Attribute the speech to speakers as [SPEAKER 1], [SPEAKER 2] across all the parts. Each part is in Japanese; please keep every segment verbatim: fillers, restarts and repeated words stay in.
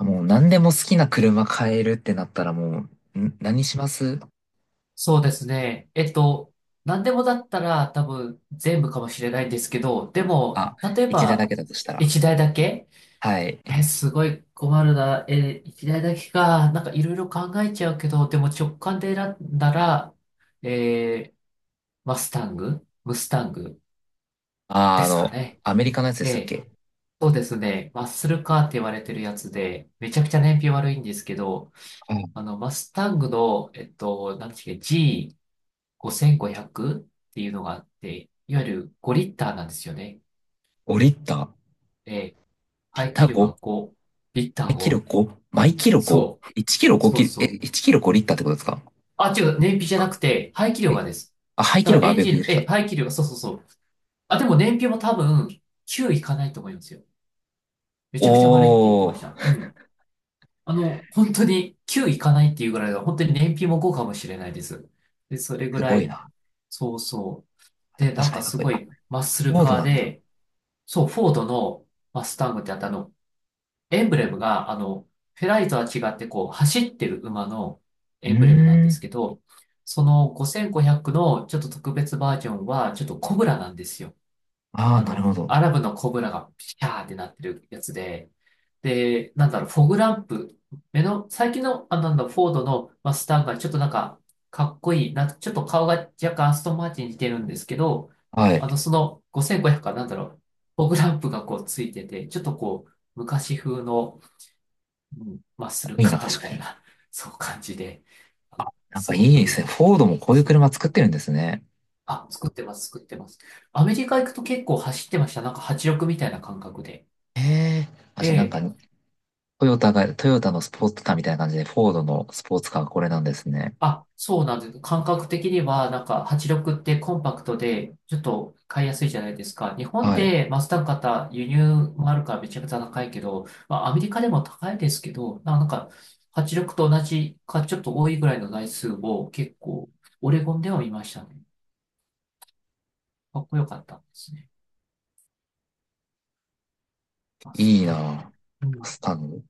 [SPEAKER 1] もう何でも好きな車買えるってなったらもう、ん何します？
[SPEAKER 2] そうですね。えっと、何でもだったら多分全部かもしれないんですけど、でも、
[SPEAKER 1] あ、
[SPEAKER 2] 例え
[SPEAKER 1] 一台だ
[SPEAKER 2] ば、
[SPEAKER 1] けだとしたら。
[SPEAKER 2] 一台だけ
[SPEAKER 1] はい。
[SPEAKER 2] え、すごい困るな。え、一台だけか。なんかいろいろ考えちゃうけど、でも直感で選んだら、えーマスタングムスタング
[SPEAKER 1] あー、
[SPEAKER 2] で
[SPEAKER 1] あ
[SPEAKER 2] すか
[SPEAKER 1] の、
[SPEAKER 2] ね。
[SPEAKER 1] アメリカのやつで
[SPEAKER 2] え
[SPEAKER 1] したっ
[SPEAKER 2] え、
[SPEAKER 1] け？
[SPEAKER 2] そうですね。マッスルカーって言われてるやつで、めちゃくちゃ燃費悪いんですけど、あ
[SPEAKER 1] あ、
[SPEAKER 2] の、マスタングの、えっと、なんていうっけ、ジーごせんごひゃく っていうのがあって、いわゆるごリッターなんですよね。
[SPEAKER 1] 5リッター
[SPEAKER 2] で、
[SPEAKER 1] リッ
[SPEAKER 2] 排
[SPEAKER 1] タ
[SPEAKER 2] 気
[SPEAKER 1] ー
[SPEAKER 2] 量
[SPEAKER 1] ご？
[SPEAKER 2] がごリッター
[SPEAKER 1] 毎キロ
[SPEAKER 2] を、
[SPEAKER 1] ご？ 毎キロ
[SPEAKER 2] そう、
[SPEAKER 1] ご?いち キロ5
[SPEAKER 2] そう
[SPEAKER 1] キロ、え、
[SPEAKER 2] そう。
[SPEAKER 1] いちキロごリッターってことですか？
[SPEAKER 2] あ、違う、燃費じゃな
[SPEAKER 1] あ、
[SPEAKER 2] くて、排気量
[SPEAKER 1] え
[SPEAKER 2] がです。
[SPEAKER 1] あ、排
[SPEAKER 2] だ
[SPEAKER 1] 気
[SPEAKER 2] か
[SPEAKER 1] 量
[SPEAKER 2] ら
[SPEAKER 1] がア
[SPEAKER 2] エン
[SPEAKER 1] ベびっ
[SPEAKER 2] ジ
[SPEAKER 1] くり
[SPEAKER 2] ン、
[SPEAKER 1] し
[SPEAKER 2] え、
[SPEAKER 1] た。
[SPEAKER 2] 排気量が、そうそうそう。あ、でも燃費も多分、きゅういかないと思いますよ。めちゃくちゃ悪いって言って
[SPEAKER 1] お
[SPEAKER 2] ました。う
[SPEAKER 1] ー、
[SPEAKER 2] ん。あの、本当にきゅういかないっていうぐらいだ本当に燃費もごかもしれないです。で、それぐ
[SPEAKER 1] す
[SPEAKER 2] ら
[SPEAKER 1] ごい
[SPEAKER 2] い、
[SPEAKER 1] な。
[SPEAKER 2] そうそう。で、な
[SPEAKER 1] 確
[SPEAKER 2] ん
[SPEAKER 1] かに
[SPEAKER 2] か
[SPEAKER 1] かっ
[SPEAKER 2] す
[SPEAKER 1] こいい。
[SPEAKER 2] ご
[SPEAKER 1] あ、
[SPEAKER 2] いマッス
[SPEAKER 1] フ
[SPEAKER 2] ル
[SPEAKER 1] ォード
[SPEAKER 2] カー
[SPEAKER 1] なんだ。
[SPEAKER 2] で、そう、フォードのマスタングってあったあの、エンブレムが、あの、フェラーリとは違って、こう、走ってる馬の
[SPEAKER 1] う
[SPEAKER 2] エ
[SPEAKER 1] ー
[SPEAKER 2] ンブレムなんです
[SPEAKER 1] ん。
[SPEAKER 2] けど、そのごせんごひゃくのちょっと特別バージョンは、ちょっとコブラなんですよ。
[SPEAKER 1] ああ、
[SPEAKER 2] あ
[SPEAKER 1] なる
[SPEAKER 2] の、
[SPEAKER 1] ほど。
[SPEAKER 2] アラブのコブラがピシャーってなってるやつで、で、なんだろう、フォグランプ、目の、最近の、あ、なんだ、フォードのマスターがちょっとなんか、かっこいい、な、ちょっと顔が若干アストンマーチンに似てるんですけど、
[SPEAKER 1] は
[SPEAKER 2] あの、
[SPEAKER 1] い。
[SPEAKER 2] そのごせんごひゃくかなんだろう、フォグランプがこうついてて、ちょっとこう、昔風の、うん、マッスル
[SPEAKER 1] いいな、
[SPEAKER 2] カー
[SPEAKER 1] 確
[SPEAKER 2] み
[SPEAKER 1] か
[SPEAKER 2] たい
[SPEAKER 1] に。
[SPEAKER 2] な、そう感じで、あの
[SPEAKER 1] なん
[SPEAKER 2] す
[SPEAKER 1] かい
[SPEAKER 2] ご
[SPEAKER 1] いです
[SPEAKER 2] く、
[SPEAKER 1] ね。フォードもこういう
[SPEAKER 2] そう、
[SPEAKER 1] 車作ってるんですね。
[SPEAKER 2] あ、作ってます、作ってます。アメリカ行くと結構走ってました。なんかはちろくみたいな感覚で。
[SPEAKER 1] へえ。あ、
[SPEAKER 2] え
[SPEAKER 1] じゃあなんか、
[SPEAKER 2] え。
[SPEAKER 1] トヨタが、トヨタのスポーツカーみたいな感じで、フォードのスポーツカーがこれなんですね。
[SPEAKER 2] あ、そうなんです。感覚的には、なんか、はち力ってコンパクトで、ちょっと買いやすいじゃないですか。日本
[SPEAKER 1] はい。
[SPEAKER 2] でマスダ型輸入もあるからめちゃくちゃ高いけど、まあ、アメリカでも高いですけど、ななんか、はち力と同じか、ちょっと多いぐらいの台数を結構、オレゴンでは見ましたね。かっこよかったんですね。マス
[SPEAKER 1] いい
[SPEAKER 2] ダ。う
[SPEAKER 1] なぁ。
[SPEAKER 2] ん。
[SPEAKER 1] スタンド。本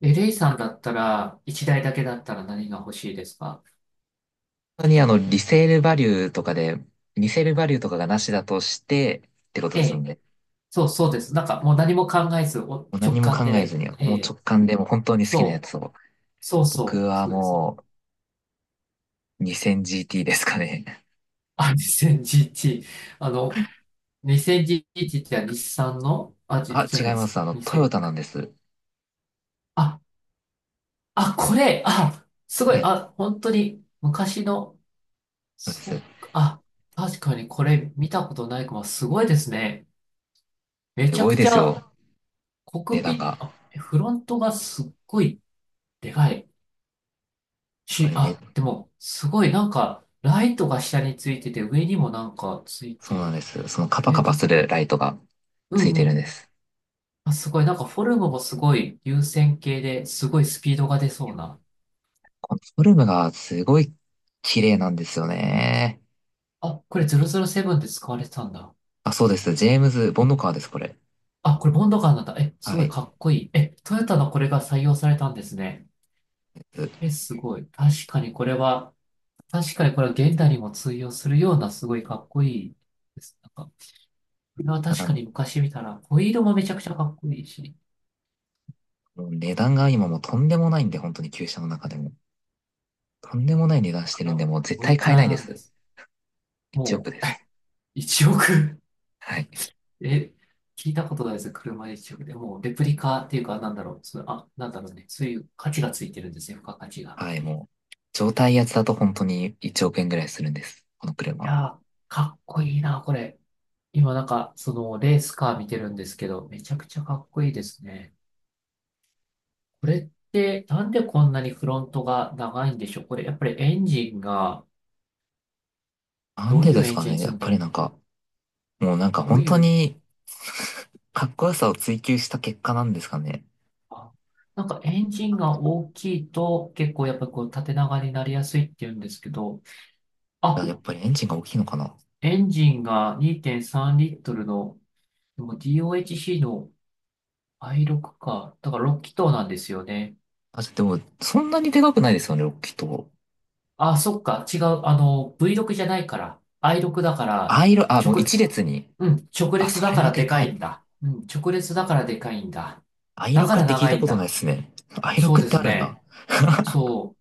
[SPEAKER 2] え、レイさんだったら、いちだいだいだけだったら何が欲しいですか？
[SPEAKER 1] 当にあの、リセールバリューとかで、リセールバリューとかがなしだとして、ってこと
[SPEAKER 2] え
[SPEAKER 1] ですの
[SPEAKER 2] え。
[SPEAKER 1] で、
[SPEAKER 2] そう、そうです。なんか、もう何も考えず、お
[SPEAKER 1] もう
[SPEAKER 2] 直
[SPEAKER 1] 何も
[SPEAKER 2] 感
[SPEAKER 1] 考えず
[SPEAKER 2] で、
[SPEAKER 1] に、
[SPEAKER 2] え
[SPEAKER 1] もう直
[SPEAKER 2] え、
[SPEAKER 1] 感でもう本当に好きなや
[SPEAKER 2] そう、
[SPEAKER 1] つを。
[SPEAKER 2] そう
[SPEAKER 1] 僕
[SPEAKER 2] そう、
[SPEAKER 1] は
[SPEAKER 2] そうです。
[SPEAKER 1] もう にせんジーティー ですかね。
[SPEAKER 2] あ、にせんじゅういち。あの、にせんじゅういちって日産の、あ、じ、
[SPEAKER 1] あ、
[SPEAKER 2] じゃ
[SPEAKER 1] 違い
[SPEAKER 2] ないです
[SPEAKER 1] ます。あ
[SPEAKER 2] か。
[SPEAKER 1] の、
[SPEAKER 2] に
[SPEAKER 1] ト
[SPEAKER 2] せ
[SPEAKER 1] ヨ
[SPEAKER 2] ん
[SPEAKER 1] タなんです。
[SPEAKER 2] あ、あ、これ、あ、すご
[SPEAKER 1] は
[SPEAKER 2] い、
[SPEAKER 1] い。
[SPEAKER 2] あ、本当に昔の、
[SPEAKER 1] そうです。
[SPEAKER 2] そっか、あ、確かにこれ見たことないかも、すごいですね。め
[SPEAKER 1] す
[SPEAKER 2] ちゃ
[SPEAKER 1] ご
[SPEAKER 2] く
[SPEAKER 1] いで
[SPEAKER 2] ち
[SPEAKER 1] す
[SPEAKER 2] ゃ、
[SPEAKER 1] よ。
[SPEAKER 2] コ
[SPEAKER 1] 値
[SPEAKER 2] クピ
[SPEAKER 1] 段
[SPEAKER 2] ッ
[SPEAKER 1] が。
[SPEAKER 2] ト、あ、フロントがすっごいでかい
[SPEAKER 1] こ
[SPEAKER 2] し、
[SPEAKER 1] れめっ
[SPEAKER 2] あ、でも、すごいなんか、ライトが下についてて、上にもなんかつい
[SPEAKER 1] そう
[SPEAKER 2] て
[SPEAKER 1] なん
[SPEAKER 2] る。
[SPEAKER 1] です。そのカパ
[SPEAKER 2] え、
[SPEAKER 1] カパ
[SPEAKER 2] な、
[SPEAKER 1] するライトが
[SPEAKER 2] う
[SPEAKER 1] ついて
[SPEAKER 2] んう
[SPEAKER 1] るんで
[SPEAKER 2] ん。
[SPEAKER 1] す。
[SPEAKER 2] あ、すごい。なんかフォルムもすごい優先形ですごいスピードが出そうな。
[SPEAKER 1] このフォルムがすごい綺麗なんですよね。
[SPEAKER 2] あ、これゼロゼロセブンで使われてたんだ。
[SPEAKER 1] あ、そうです。ジェームズ・ボンドカー
[SPEAKER 2] え、
[SPEAKER 1] です、これ。
[SPEAKER 2] あ、これボンドガンなんだ。え、す
[SPEAKER 1] は
[SPEAKER 2] ごい
[SPEAKER 1] い。
[SPEAKER 2] かっこいい。え、トヨタのこれが採用されたんですね。
[SPEAKER 1] です。
[SPEAKER 2] え、すごい。確かにこれは、確かにこれは現代にも通用するようなすごいかっこいいです。なんか、これは
[SPEAKER 1] た
[SPEAKER 2] 確
[SPEAKER 1] だ
[SPEAKER 2] か
[SPEAKER 1] も
[SPEAKER 2] に昔見たら、ホイールもめちゃくちゃかっこいいし、い
[SPEAKER 1] う、もう値段が今もうとんでもないんで、本当に旧車の中でも。とんでもない値段し
[SPEAKER 2] く
[SPEAKER 1] てるん
[SPEAKER 2] ら、
[SPEAKER 1] で、もう絶
[SPEAKER 2] お
[SPEAKER 1] 対
[SPEAKER 2] いく
[SPEAKER 1] 買え
[SPEAKER 2] ら
[SPEAKER 1] ないで
[SPEAKER 2] なんで
[SPEAKER 1] す。
[SPEAKER 2] す？
[SPEAKER 1] いちおく
[SPEAKER 2] も
[SPEAKER 1] で
[SPEAKER 2] う、
[SPEAKER 1] す。
[SPEAKER 2] いちおく。
[SPEAKER 1] はい。
[SPEAKER 2] え、聞いたことないです。車一色で。もう、レプリカっていうか、なんだろう。そう、あ、なんだろうね。そういう価値がついてるんですね。付加価値が。
[SPEAKER 1] はい、もう、状態やつだと本当にいちおく円ぐらいするんです。この
[SPEAKER 2] い
[SPEAKER 1] 車。
[SPEAKER 2] やー、かっこいいな、これ。今、なんか、その、レースカー見てるんですけど、めちゃくちゃかっこいいですね。これって、なんでこんなにフロントが長いんでしょう？これ、やっぱりエンジンが、
[SPEAKER 1] なん
[SPEAKER 2] どう
[SPEAKER 1] で
[SPEAKER 2] いう
[SPEAKER 1] です
[SPEAKER 2] エン
[SPEAKER 1] か
[SPEAKER 2] ジ
[SPEAKER 1] ね。
[SPEAKER 2] ン
[SPEAKER 1] や
[SPEAKER 2] 積
[SPEAKER 1] っ
[SPEAKER 2] んで
[SPEAKER 1] ぱり
[SPEAKER 2] る
[SPEAKER 1] なんか、もうなんか
[SPEAKER 2] どう
[SPEAKER 1] 本
[SPEAKER 2] い
[SPEAKER 1] 当
[SPEAKER 2] う、
[SPEAKER 1] に かっこよさを追求した結果なんですかね。
[SPEAKER 2] あ、なんかエンジンが大きいと、結構やっぱこう、縦長になりやすいっていうんですけど、
[SPEAKER 1] い
[SPEAKER 2] あ、
[SPEAKER 1] や、やっぱりエンジンが大きいのかな。
[SPEAKER 2] エンジンがにてんさんリットルの、でも ディーオーエイチシー の アイシックス か。だからろく気筒なんですよね。
[SPEAKER 1] あ、でも、そんなにでかくないですよね、ロッキーと。
[SPEAKER 2] あ、そっか。違う。あの、ブイシックス じゃないから。アイシックス だから、
[SPEAKER 1] i あ、もう
[SPEAKER 2] 直、
[SPEAKER 1] 一列に。
[SPEAKER 2] うん、直
[SPEAKER 1] あ、
[SPEAKER 2] 列
[SPEAKER 1] そ
[SPEAKER 2] だ
[SPEAKER 1] れ
[SPEAKER 2] か
[SPEAKER 1] は
[SPEAKER 2] ら
[SPEAKER 1] で
[SPEAKER 2] でか
[SPEAKER 1] か
[SPEAKER 2] い
[SPEAKER 1] い。
[SPEAKER 2] んだ。うん、直列だからでかいんだ。だか
[SPEAKER 1] アイシックス
[SPEAKER 2] ら
[SPEAKER 1] って聞い
[SPEAKER 2] 長
[SPEAKER 1] た
[SPEAKER 2] いん
[SPEAKER 1] ことない
[SPEAKER 2] だ。
[SPEAKER 1] ですね。
[SPEAKER 2] そう
[SPEAKER 1] アイシックス っ
[SPEAKER 2] で
[SPEAKER 1] て
[SPEAKER 2] す
[SPEAKER 1] あるんだ。
[SPEAKER 2] ね。そ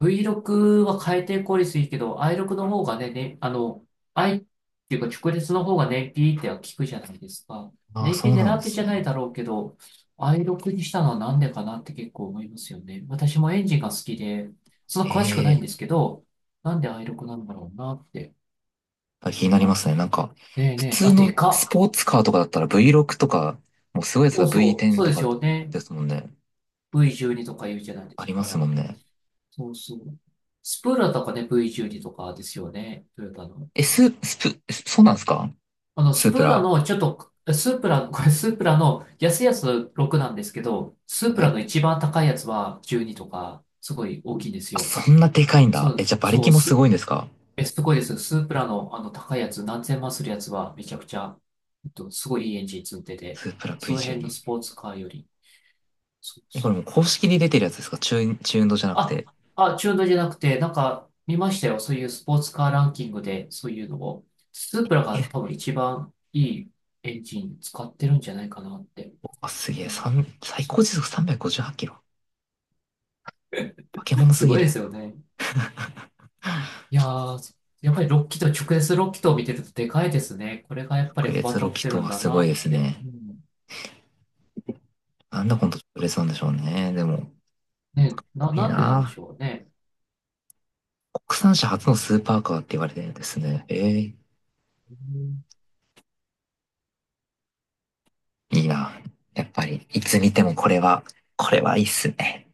[SPEAKER 2] う。ブイシックス は回転効率いいけど、アイシックス の方がね、ね、あの、I っていうか直列の方が燃費っては効くじゃないですか。
[SPEAKER 1] ああ、
[SPEAKER 2] 燃
[SPEAKER 1] そ
[SPEAKER 2] 費
[SPEAKER 1] うな
[SPEAKER 2] 狙
[SPEAKER 1] ん
[SPEAKER 2] っ
[SPEAKER 1] で
[SPEAKER 2] てじ
[SPEAKER 1] す
[SPEAKER 2] ゃな
[SPEAKER 1] ね。
[SPEAKER 2] いだろうけど、アイシックス にしたのはなんでかなって結構思いますよね。私もエンジンが好きで、そんな詳しく
[SPEAKER 1] へ
[SPEAKER 2] ないん
[SPEAKER 1] え。
[SPEAKER 2] ですけど、なんで アイシックス なんだろうなって。
[SPEAKER 1] あ、気になりま
[SPEAKER 2] あ、
[SPEAKER 1] すね。なんか、
[SPEAKER 2] ねえね
[SPEAKER 1] 普
[SPEAKER 2] え、
[SPEAKER 1] 通
[SPEAKER 2] あ、で
[SPEAKER 1] のス
[SPEAKER 2] かっ。
[SPEAKER 1] ポーツカーとかだったら ブイシックス とか、もうすごいやつ
[SPEAKER 2] そ
[SPEAKER 1] だ
[SPEAKER 2] うそう、
[SPEAKER 1] ブイテン
[SPEAKER 2] そう
[SPEAKER 1] と
[SPEAKER 2] です
[SPEAKER 1] か
[SPEAKER 2] よね。
[SPEAKER 1] ですもんね。
[SPEAKER 2] ブイじゅうに とか言うじゃないで
[SPEAKER 1] あ
[SPEAKER 2] す
[SPEAKER 1] りますも
[SPEAKER 2] か。
[SPEAKER 1] んね。
[SPEAKER 2] そうそう。スプーラとかね、ブイじゅうに とかですよね。トヨタの。
[SPEAKER 1] え、ス、スプ、そうなんですか？
[SPEAKER 2] あの、
[SPEAKER 1] ス
[SPEAKER 2] ス
[SPEAKER 1] ープ
[SPEAKER 2] プラ
[SPEAKER 1] ラ。
[SPEAKER 2] の、ちょっと、スープラの、これスープラの安いやつろくなんですけど、スープ
[SPEAKER 1] は
[SPEAKER 2] ラ
[SPEAKER 1] い。
[SPEAKER 2] の一番高いやつはじゅうにとか、すごい大きいんです
[SPEAKER 1] あ、
[SPEAKER 2] よ。
[SPEAKER 1] そんなでかいん
[SPEAKER 2] そ
[SPEAKER 1] だ。え、
[SPEAKER 2] う、
[SPEAKER 1] じゃあ馬
[SPEAKER 2] そ
[SPEAKER 1] 力
[SPEAKER 2] う、
[SPEAKER 1] もす
[SPEAKER 2] す、
[SPEAKER 1] ごいんですか？
[SPEAKER 2] え、すごいです。スープラのあの高いやつ、何千万するやつはめちゃくちゃ、えっと、すごいいいエンジン積んでて、
[SPEAKER 1] スープラ
[SPEAKER 2] その辺の
[SPEAKER 1] ブイトゥエルブ。
[SPEAKER 2] スポーツカーより、そう
[SPEAKER 1] え、こ
[SPEAKER 2] そ
[SPEAKER 1] れ
[SPEAKER 2] う、
[SPEAKER 1] もう公式に出てるやつですか？中、中運動じゃなく
[SPEAKER 2] あ、
[SPEAKER 1] て。
[SPEAKER 2] あ、中途じゃなくて、なんか見ましたよ。そういうスポーツカーランキングで、そういうのを。スープラが多
[SPEAKER 1] え、
[SPEAKER 2] 分一番いいエンジン使ってるんじゃないかなって。
[SPEAKER 1] あ、す
[SPEAKER 2] う
[SPEAKER 1] げえ。
[SPEAKER 2] ん、
[SPEAKER 1] 三最
[SPEAKER 2] そ
[SPEAKER 1] 高
[SPEAKER 2] う、
[SPEAKER 1] 時速さんびゃくごじゅうはちキロ。化け物
[SPEAKER 2] す
[SPEAKER 1] すぎ
[SPEAKER 2] ごい
[SPEAKER 1] る。
[SPEAKER 2] ですよね。いやー、やっぱりキーと直接ろく気筒を見てるとでかいですね。これがやっぱ
[SPEAKER 1] 直
[SPEAKER 2] り幅
[SPEAKER 1] 列ロ
[SPEAKER 2] 取っ
[SPEAKER 1] キ
[SPEAKER 2] て
[SPEAKER 1] と
[SPEAKER 2] るん
[SPEAKER 1] は
[SPEAKER 2] だ
[SPEAKER 1] すご
[SPEAKER 2] な
[SPEAKER 1] い
[SPEAKER 2] っ
[SPEAKER 1] です
[SPEAKER 2] て。う
[SPEAKER 1] ね。
[SPEAKER 2] ん、
[SPEAKER 1] なんだこの直列なんでしょうね。でも、
[SPEAKER 2] ね、な、
[SPEAKER 1] いい
[SPEAKER 2] なんでなんでし
[SPEAKER 1] な。
[SPEAKER 2] ょうね。
[SPEAKER 1] 国産車初のスー
[SPEAKER 2] う
[SPEAKER 1] パーカーって言われてるんですね。えー
[SPEAKER 2] ん、
[SPEAKER 1] いいな。やっぱり、いつ見てもこれは、これはいいっすね。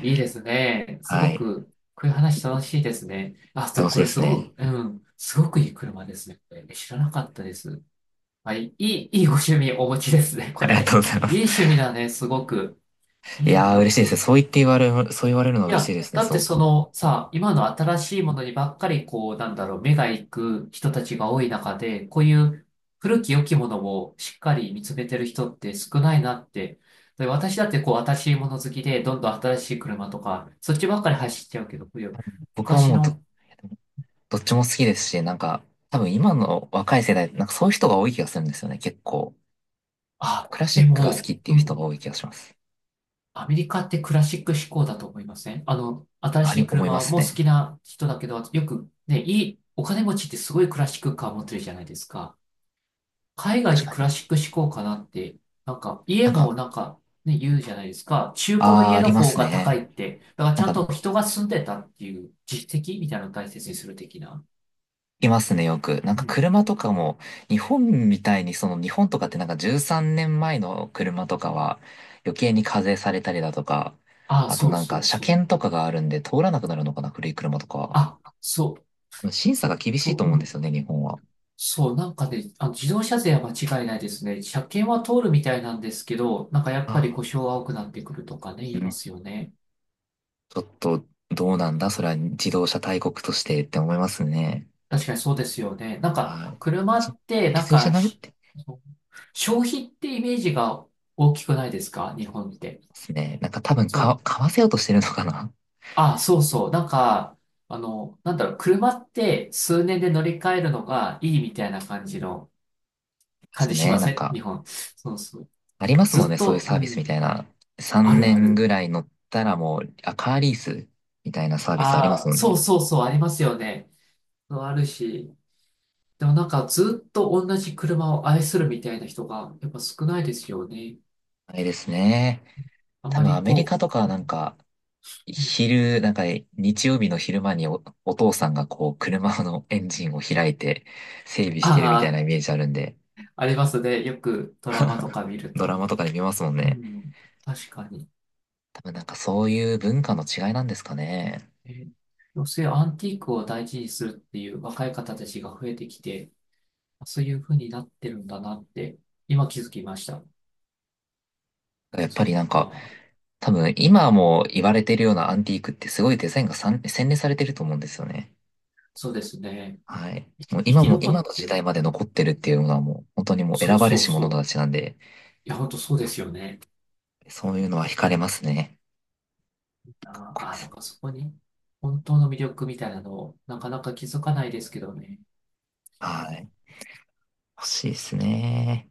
[SPEAKER 2] いいですね。す
[SPEAKER 1] は
[SPEAKER 2] ご
[SPEAKER 1] い。
[SPEAKER 2] く、こういう話楽しいですね。あ、で
[SPEAKER 1] 楽
[SPEAKER 2] も
[SPEAKER 1] しい
[SPEAKER 2] こ
[SPEAKER 1] で
[SPEAKER 2] れ
[SPEAKER 1] す
[SPEAKER 2] すご
[SPEAKER 1] ね。
[SPEAKER 2] く、うん、すごくいい車ですね。これ知らなかったです。はい、いい、いいご趣味お持ちですね、こ
[SPEAKER 1] ありがと
[SPEAKER 2] れ。
[SPEAKER 1] うございま
[SPEAKER 2] いい
[SPEAKER 1] す。
[SPEAKER 2] 趣味だね、すごく。
[SPEAKER 1] い
[SPEAKER 2] いい
[SPEAKER 1] やー、
[SPEAKER 2] な
[SPEAKER 1] 嬉
[SPEAKER 2] っ
[SPEAKER 1] しいですね。
[SPEAKER 2] て。
[SPEAKER 1] そう言って言われる、そう言われるのは
[SPEAKER 2] い
[SPEAKER 1] 嬉しい
[SPEAKER 2] や、
[SPEAKER 1] ですね、
[SPEAKER 2] だ
[SPEAKER 1] す
[SPEAKER 2] って
[SPEAKER 1] ご
[SPEAKER 2] そ
[SPEAKER 1] く。
[SPEAKER 2] のさ、今の新しいものにばっかりこう、なんだろう、目が行く人たちが多い中で、こういう古き良きものをしっかり見つめてる人って少ないなって。で私だってこう、新しいもの好きで、どんどん新しい車とか、そっちばっかり走っちゃうけど、こういう
[SPEAKER 1] 僕は
[SPEAKER 2] 昔
[SPEAKER 1] もうど、
[SPEAKER 2] の、
[SPEAKER 1] どっちも好きですし、なんか、多分今の若い世代、なんかそういう人が多い気がするんですよね、結構。
[SPEAKER 2] あ、
[SPEAKER 1] クラシ
[SPEAKER 2] で
[SPEAKER 1] ックが好き
[SPEAKER 2] も、
[SPEAKER 1] って
[SPEAKER 2] う
[SPEAKER 1] いう
[SPEAKER 2] んう
[SPEAKER 1] 人が多
[SPEAKER 2] ん、
[SPEAKER 1] い気がします。
[SPEAKER 2] アメリカってクラシック志向だと思いません？あの、新
[SPEAKER 1] あ
[SPEAKER 2] し
[SPEAKER 1] り、
[SPEAKER 2] い
[SPEAKER 1] 思いま
[SPEAKER 2] 車
[SPEAKER 1] す
[SPEAKER 2] も好
[SPEAKER 1] ね。
[SPEAKER 2] きな人だけど、よくね、いい、お金持ちってすごいクラシックカー持ってるじゃないですか。海外っ
[SPEAKER 1] 確
[SPEAKER 2] て
[SPEAKER 1] か
[SPEAKER 2] クラ
[SPEAKER 1] に。
[SPEAKER 2] シック志向かなって、なんか
[SPEAKER 1] な
[SPEAKER 2] 家
[SPEAKER 1] んか、
[SPEAKER 2] もなんかね、言うじゃないですか。中古の
[SPEAKER 1] あー、
[SPEAKER 2] 家
[SPEAKER 1] あ
[SPEAKER 2] の
[SPEAKER 1] りま
[SPEAKER 2] 方
[SPEAKER 1] す
[SPEAKER 2] が高
[SPEAKER 1] ね。
[SPEAKER 2] いって。だから
[SPEAKER 1] な
[SPEAKER 2] ち
[SPEAKER 1] ん
[SPEAKER 2] ゃん
[SPEAKER 1] か、
[SPEAKER 2] と人が住んでたっていう実績みたいなのを大切にする的な。
[SPEAKER 1] いますね、よく。なん
[SPEAKER 2] う
[SPEAKER 1] か
[SPEAKER 2] ん。
[SPEAKER 1] 車とかも、日本みたいに、その日本とかってなんかじゅうさんねんまえの車とかは、余計に課税されたりだとか、
[SPEAKER 2] ああ、
[SPEAKER 1] あと
[SPEAKER 2] そう
[SPEAKER 1] なん
[SPEAKER 2] そ
[SPEAKER 1] か
[SPEAKER 2] う
[SPEAKER 1] 車
[SPEAKER 2] そう。
[SPEAKER 1] 検とかがあるんで通らなくなるのかな、古い車とかは。
[SPEAKER 2] あ、そう、
[SPEAKER 1] あの審査が厳しい
[SPEAKER 2] と、
[SPEAKER 1] と思う
[SPEAKER 2] う
[SPEAKER 1] んです
[SPEAKER 2] ん。
[SPEAKER 1] よね、日本は。
[SPEAKER 2] そう、なんかね、あの、自動車税は間違いないですね。車検は通るみたいなんですけど、なんかやっ
[SPEAKER 1] あ
[SPEAKER 2] ぱり
[SPEAKER 1] あ、
[SPEAKER 2] 故障が多くなってくるとかね、
[SPEAKER 1] う
[SPEAKER 2] 言いま
[SPEAKER 1] ん。
[SPEAKER 2] すよね。
[SPEAKER 1] ちょっと、どうなんだそれは自動車大国としてって思いますね。
[SPEAKER 2] 確かにそうですよね。なん
[SPEAKER 1] はい。
[SPEAKER 2] か、
[SPEAKER 1] なんか
[SPEAKER 2] 車
[SPEAKER 1] ちょっ
[SPEAKER 2] っ
[SPEAKER 1] と、
[SPEAKER 2] て、
[SPEAKER 1] 行
[SPEAKER 2] な
[SPEAKER 1] き
[SPEAKER 2] ん
[SPEAKER 1] 過ぎじゃ
[SPEAKER 2] か
[SPEAKER 1] ないっ
[SPEAKER 2] し、
[SPEAKER 1] て思い
[SPEAKER 2] 消費ってイメージが大きくないですか日本って。
[SPEAKER 1] ますね。なんか多分
[SPEAKER 2] そ
[SPEAKER 1] か、
[SPEAKER 2] う、
[SPEAKER 1] 買わせようとしてるのかな
[SPEAKER 2] あ、そうそう。なんか、あの、なんだろう、車って数年で乗り換えるのがいいみたいな感じの、
[SPEAKER 1] で
[SPEAKER 2] 感
[SPEAKER 1] す
[SPEAKER 2] じし
[SPEAKER 1] ね。
[SPEAKER 2] ま
[SPEAKER 1] な
[SPEAKER 2] せ
[SPEAKER 1] ん
[SPEAKER 2] ん日
[SPEAKER 1] か、
[SPEAKER 2] 本。そうそう。
[SPEAKER 1] ありますも
[SPEAKER 2] ず
[SPEAKER 1] ん
[SPEAKER 2] っ
[SPEAKER 1] ね、そういう
[SPEAKER 2] と、
[SPEAKER 1] サー
[SPEAKER 2] う
[SPEAKER 1] ビスみた
[SPEAKER 2] ん、
[SPEAKER 1] いな。
[SPEAKER 2] あ
[SPEAKER 1] 3
[SPEAKER 2] るあ
[SPEAKER 1] 年
[SPEAKER 2] る。
[SPEAKER 1] ぐらい乗ったらもう、あ、カーリースみたいなサービスあります
[SPEAKER 2] ああ、
[SPEAKER 1] もん
[SPEAKER 2] そう
[SPEAKER 1] ね。
[SPEAKER 2] そうそう、ありますよね。そうあるし。でもなんか、ずっと同じ車を愛するみたいな人が、やっぱ少ないですよね。
[SPEAKER 1] あれですね。
[SPEAKER 2] あ
[SPEAKER 1] 多
[SPEAKER 2] ま
[SPEAKER 1] 分
[SPEAKER 2] り
[SPEAKER 1] アメリ
[SPEAKER 2] こ
[SPEAKER 1] カとかなんか、
[SPEAKER 2] う、
[SPEAKER 1] 昼、なんかね日曜日の昼間にお、お父さんがこう車のエンジンを開いて整備してるみたいな
[SPEAKER 2] ああ、
[SPEAKER 1] イメージあるんで、
[SPEAKER 2] ありますね。よくドラマとか見る
[SPEAKER 1] ドラ
[SPEAKER 2] と。
[SPEAKER 1] マとかで見ますもん
[SPEAKER 2] う
[SPEAKER 1] ね。
[SPEAKER 2] ん、確かに。
[SPEAKER 1] 多分なんかそういう文化の違いなんですかね。
[SPEAKER 2] え、女性アンティークを大事にするっていう若い方たちが増えてきて、そういう風になってるんだなって、今気づきました。
[SPEAKER 1] やっぱ
[SPEAKER 2] そっ
[SPEAKER 1] りなんか
[SPEAKER 2] か。
[SPEAKER 1] 多分今も言われてるようなアンティークってすごいデザインがさん洗練されてると思うんですよね。
[SPEAKER 2] そうですね。
[SPEAKER 1] はい。
[SPEAKER 2] い
[SPEAKER 1] もう
[SPEAKER 2] 生
[SPEAKER 1] 今
[SPEAKER 2] き
[SPEAKER 1] も
[SPEAKER 2] 残
[SPEAKER 1] 今
[SPEAKER 2] っ
[SPEAKER 1] の
[SPEAKER 2] て
[SPEAKER 1] 時代
[SPEAKER 2] る。
[SPEAKER 1] まで残ってるっていうのはもう本当にもう
[SPEAKER 2] そ
[SPEAKER 1] 選
[SPEAKER 2] う
[SPEAKER 1] ばれ
[SPEAKER 2] そう
[SPEAKER 1] し者
[SPEAKER 2] そ
[SPEAKER 1] た
[SPEAKER 2] う。
[SPEAKER 1] ちなんで、
[SPEAKER 2] いや、本当そうですよね。
[SPEAKER 1] そういうのは惹かれますね。かっ
[SPEAKER 2] あ
[SPEAKER 1] こ
[SPEAKER 2] ー
[SPEAKER 1] いい
[SPEAKER 2] あ
[SPEAKER 1] で
[SPEAKER 2] ー、
[SPEAKER 1] す
[SPEAKER 2] だ
[SPEAKER 1] ね。
[SPEAKER 2] からそこに本当の魅力みたいなのをなかなか気づかないですけどね。
[SPEAKER 1] はい。欲しいですね。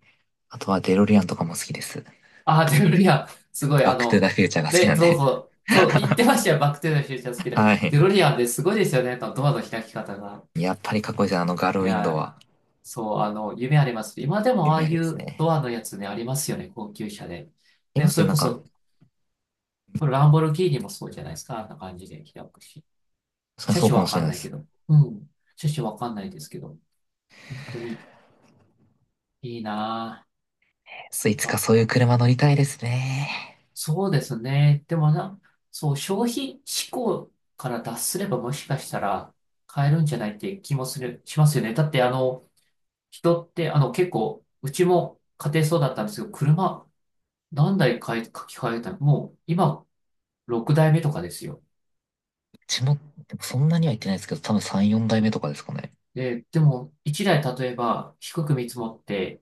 [SPEAKER 1] あとはデロリアンとかも好きです。
[SPEAKER 2] ああ、手振リアすごい、
[SPEAKER 1] バッ
[SPEAKER 2] あ
[SPEAKER 1] クトゥザ
[SPEAKER 2] の、
[SPEAKER 1] フューチャーが好きな
[SPEAKER 2] で、
[SPEAKER 1] ん
[SPEAKER 2] そう
[SPEAKER 1] で。
[SPEAKER 2] そう、そう、言ってましたよ、バックテーザフューチャー好き で。
[SPEAKER 1] は
[SPEAKER 2] デ
[SPEAKER 1] い。
[SPEAKER 2] ロリアンですごいですよね、あのドアの開き方が。
[SPEAKER 1] やっぱりかっこいいですね。あのガールウ
[SPEAKER 2] い
[SPEAKER 1] ィンドウ
[SPEAKER 2] や、
[SPEAKER 1] は
[SPEAKER 2] そう、あの、夢あります。今でもああ
[SPEAKER 1] 夢あ
[SPEAKER 2] い
[SPEAKER 1] ります
[SPEAKER 2] う
[SPEAKER 1] ね。
[SPEAKER 2] ドアのやつね、ありますよね、高級車で。
[SPEAKER 1] い
[SPEAKER 2] で、
[SPEAKER 1] ます
[SPEAKER 2] そ
[SPEAKER 1] ね。
[SPEAKER 2] れ
[SPEAKER 1] な
[SPEAKER 2] こ
[SPEAKER 1] んか、
[SPEAKER 2] そ、これランボルギーニもそうじゃないですか、あんな感じで開くし。
[SPEAKER 1] 確かに
[SPEAKER 2] 車
[SPEAKER 1] そう
[SPEAKER 2] 種
[SPEAKER 1] かも
[SPEAKER 2] わ
[SPEAKER 1] しれ
[SPEAKER 2] かん
[SPEAKER 1] ない
[SPEAKER 2] な
[SPEAKER 1] で
[SPEAKER 2] いけ
[SPEAKER 1] す。
[SPEAKER 2] ど。うん、車種わかんないですけど、本当にいいな
[SPEAKER 1] いつか
[SPEAKER 2] ぁ。
[SPEAKER 1] そういう車乗りたいですね。
[SPEAKER 2] そうですね。でもな、そう、消費思考から脱すればもしかしたら買えるんじゃないって気もする、しますよね。だってあの、人ってあの結構、うちも家庭そうだったんですけど、車何台買い、書き換えたのもう今ろくだいめとかですよ。
[SPEAKER 1] うちも、でもそんなには行ってないですけど、多分さん、よん代目とかですかね。
[SPEAKER 2] で、でもいちだい例えば低く見積もって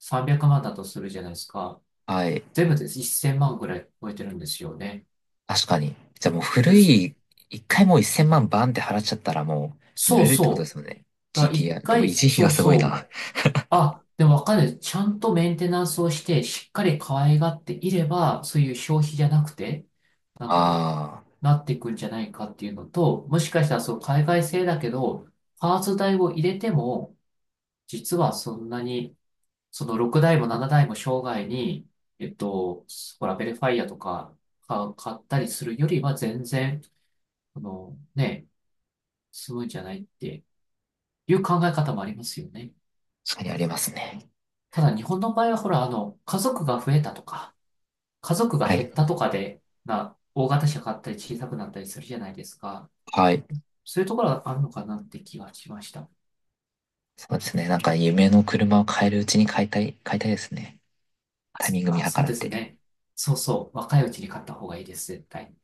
[SPEAKER 2] さんびゃくまんだとするじゃないですか。
[SPEAKER 1] はい。
[SPEAKER 2] 全部でいっせんまんぐらい超えてるんですよね。
[SPEAKER 1] 確かに。じゃあもう古
[SPEAKER 2] で、そ
[SPEAKER 1] い、一回もうせんまんバンって払っちゃったらもう乗
[SPEAKER 2] そ
[SPEAKER 1] れ
[SPEAKER 2] う
[SPEAKER 1] るってことで
[SPEAKER 2] そう。
[SPEAKER 1] すよね。
[SPEAKER 2] だから一
[SPEAKER 1] ジーティーアール。でも
[SPEAKER 2] 回、
[SPEAKER 1] 維持費
[SPEAKER 2] そ
[SPEAKER 1] が
[SPEAKER 2] う
[SPEAKER 1] すごい
[SPEAKER 2] そう。
[SPEAKER 1] な。
[SPEAKER 2] あ、でもわかる。ちゃんとメンテナンスをして、しっかり可愛がっていれば、そういう消費じゃなくて、なんだろ
[SPEAKER 1] ああ、
[SPEAKER 2] う、なっていくんじゃないかっていうのと、もしかしたらそう海外製だけど、パーツ代を入れても、実はそんなに、そのろくだいもななだいも生涯に、えっと、ほら、ベルファイアとかか買ったりするよりは全然、あの、ね、済むんじゃないっていう考え方もありますよね。
[SPEAKER 1] 確かにありますね。
[SPEAKER 2] ただ日本の場合はほら、あの、家族が増えたとか、家族が
[SPEAKER 1] は
[SPEAKER 2] 減
[SPEAKER 1] い。
[SPEAKER 2] ったとかで、な、大型車買ったり小さくなったりするじゃないですか。
[SPEAKER 1] はい。
[SPEAKER 2] そういうところがあるのかなって気がしました。
[SPEAKER 1] そうですね。なんか夢の車を買えるうちに買いたい、買いたいですね。
[SPEAKER 2] あ、
[SPEAKER 1] タイ
[SPEAKER 2] そっ
[SPEAKER 1] ミング見
[SPEAKER 2] か、
[SPEAKER 1] 計
[SPEAKER 2] そう
[SPEAKER 1] らっ
[SPEAKER 2] です
[SPEAKER 1] て。
[SPEAKER 2] ね。そうそう、若いうちに買った方がいいです、絶対。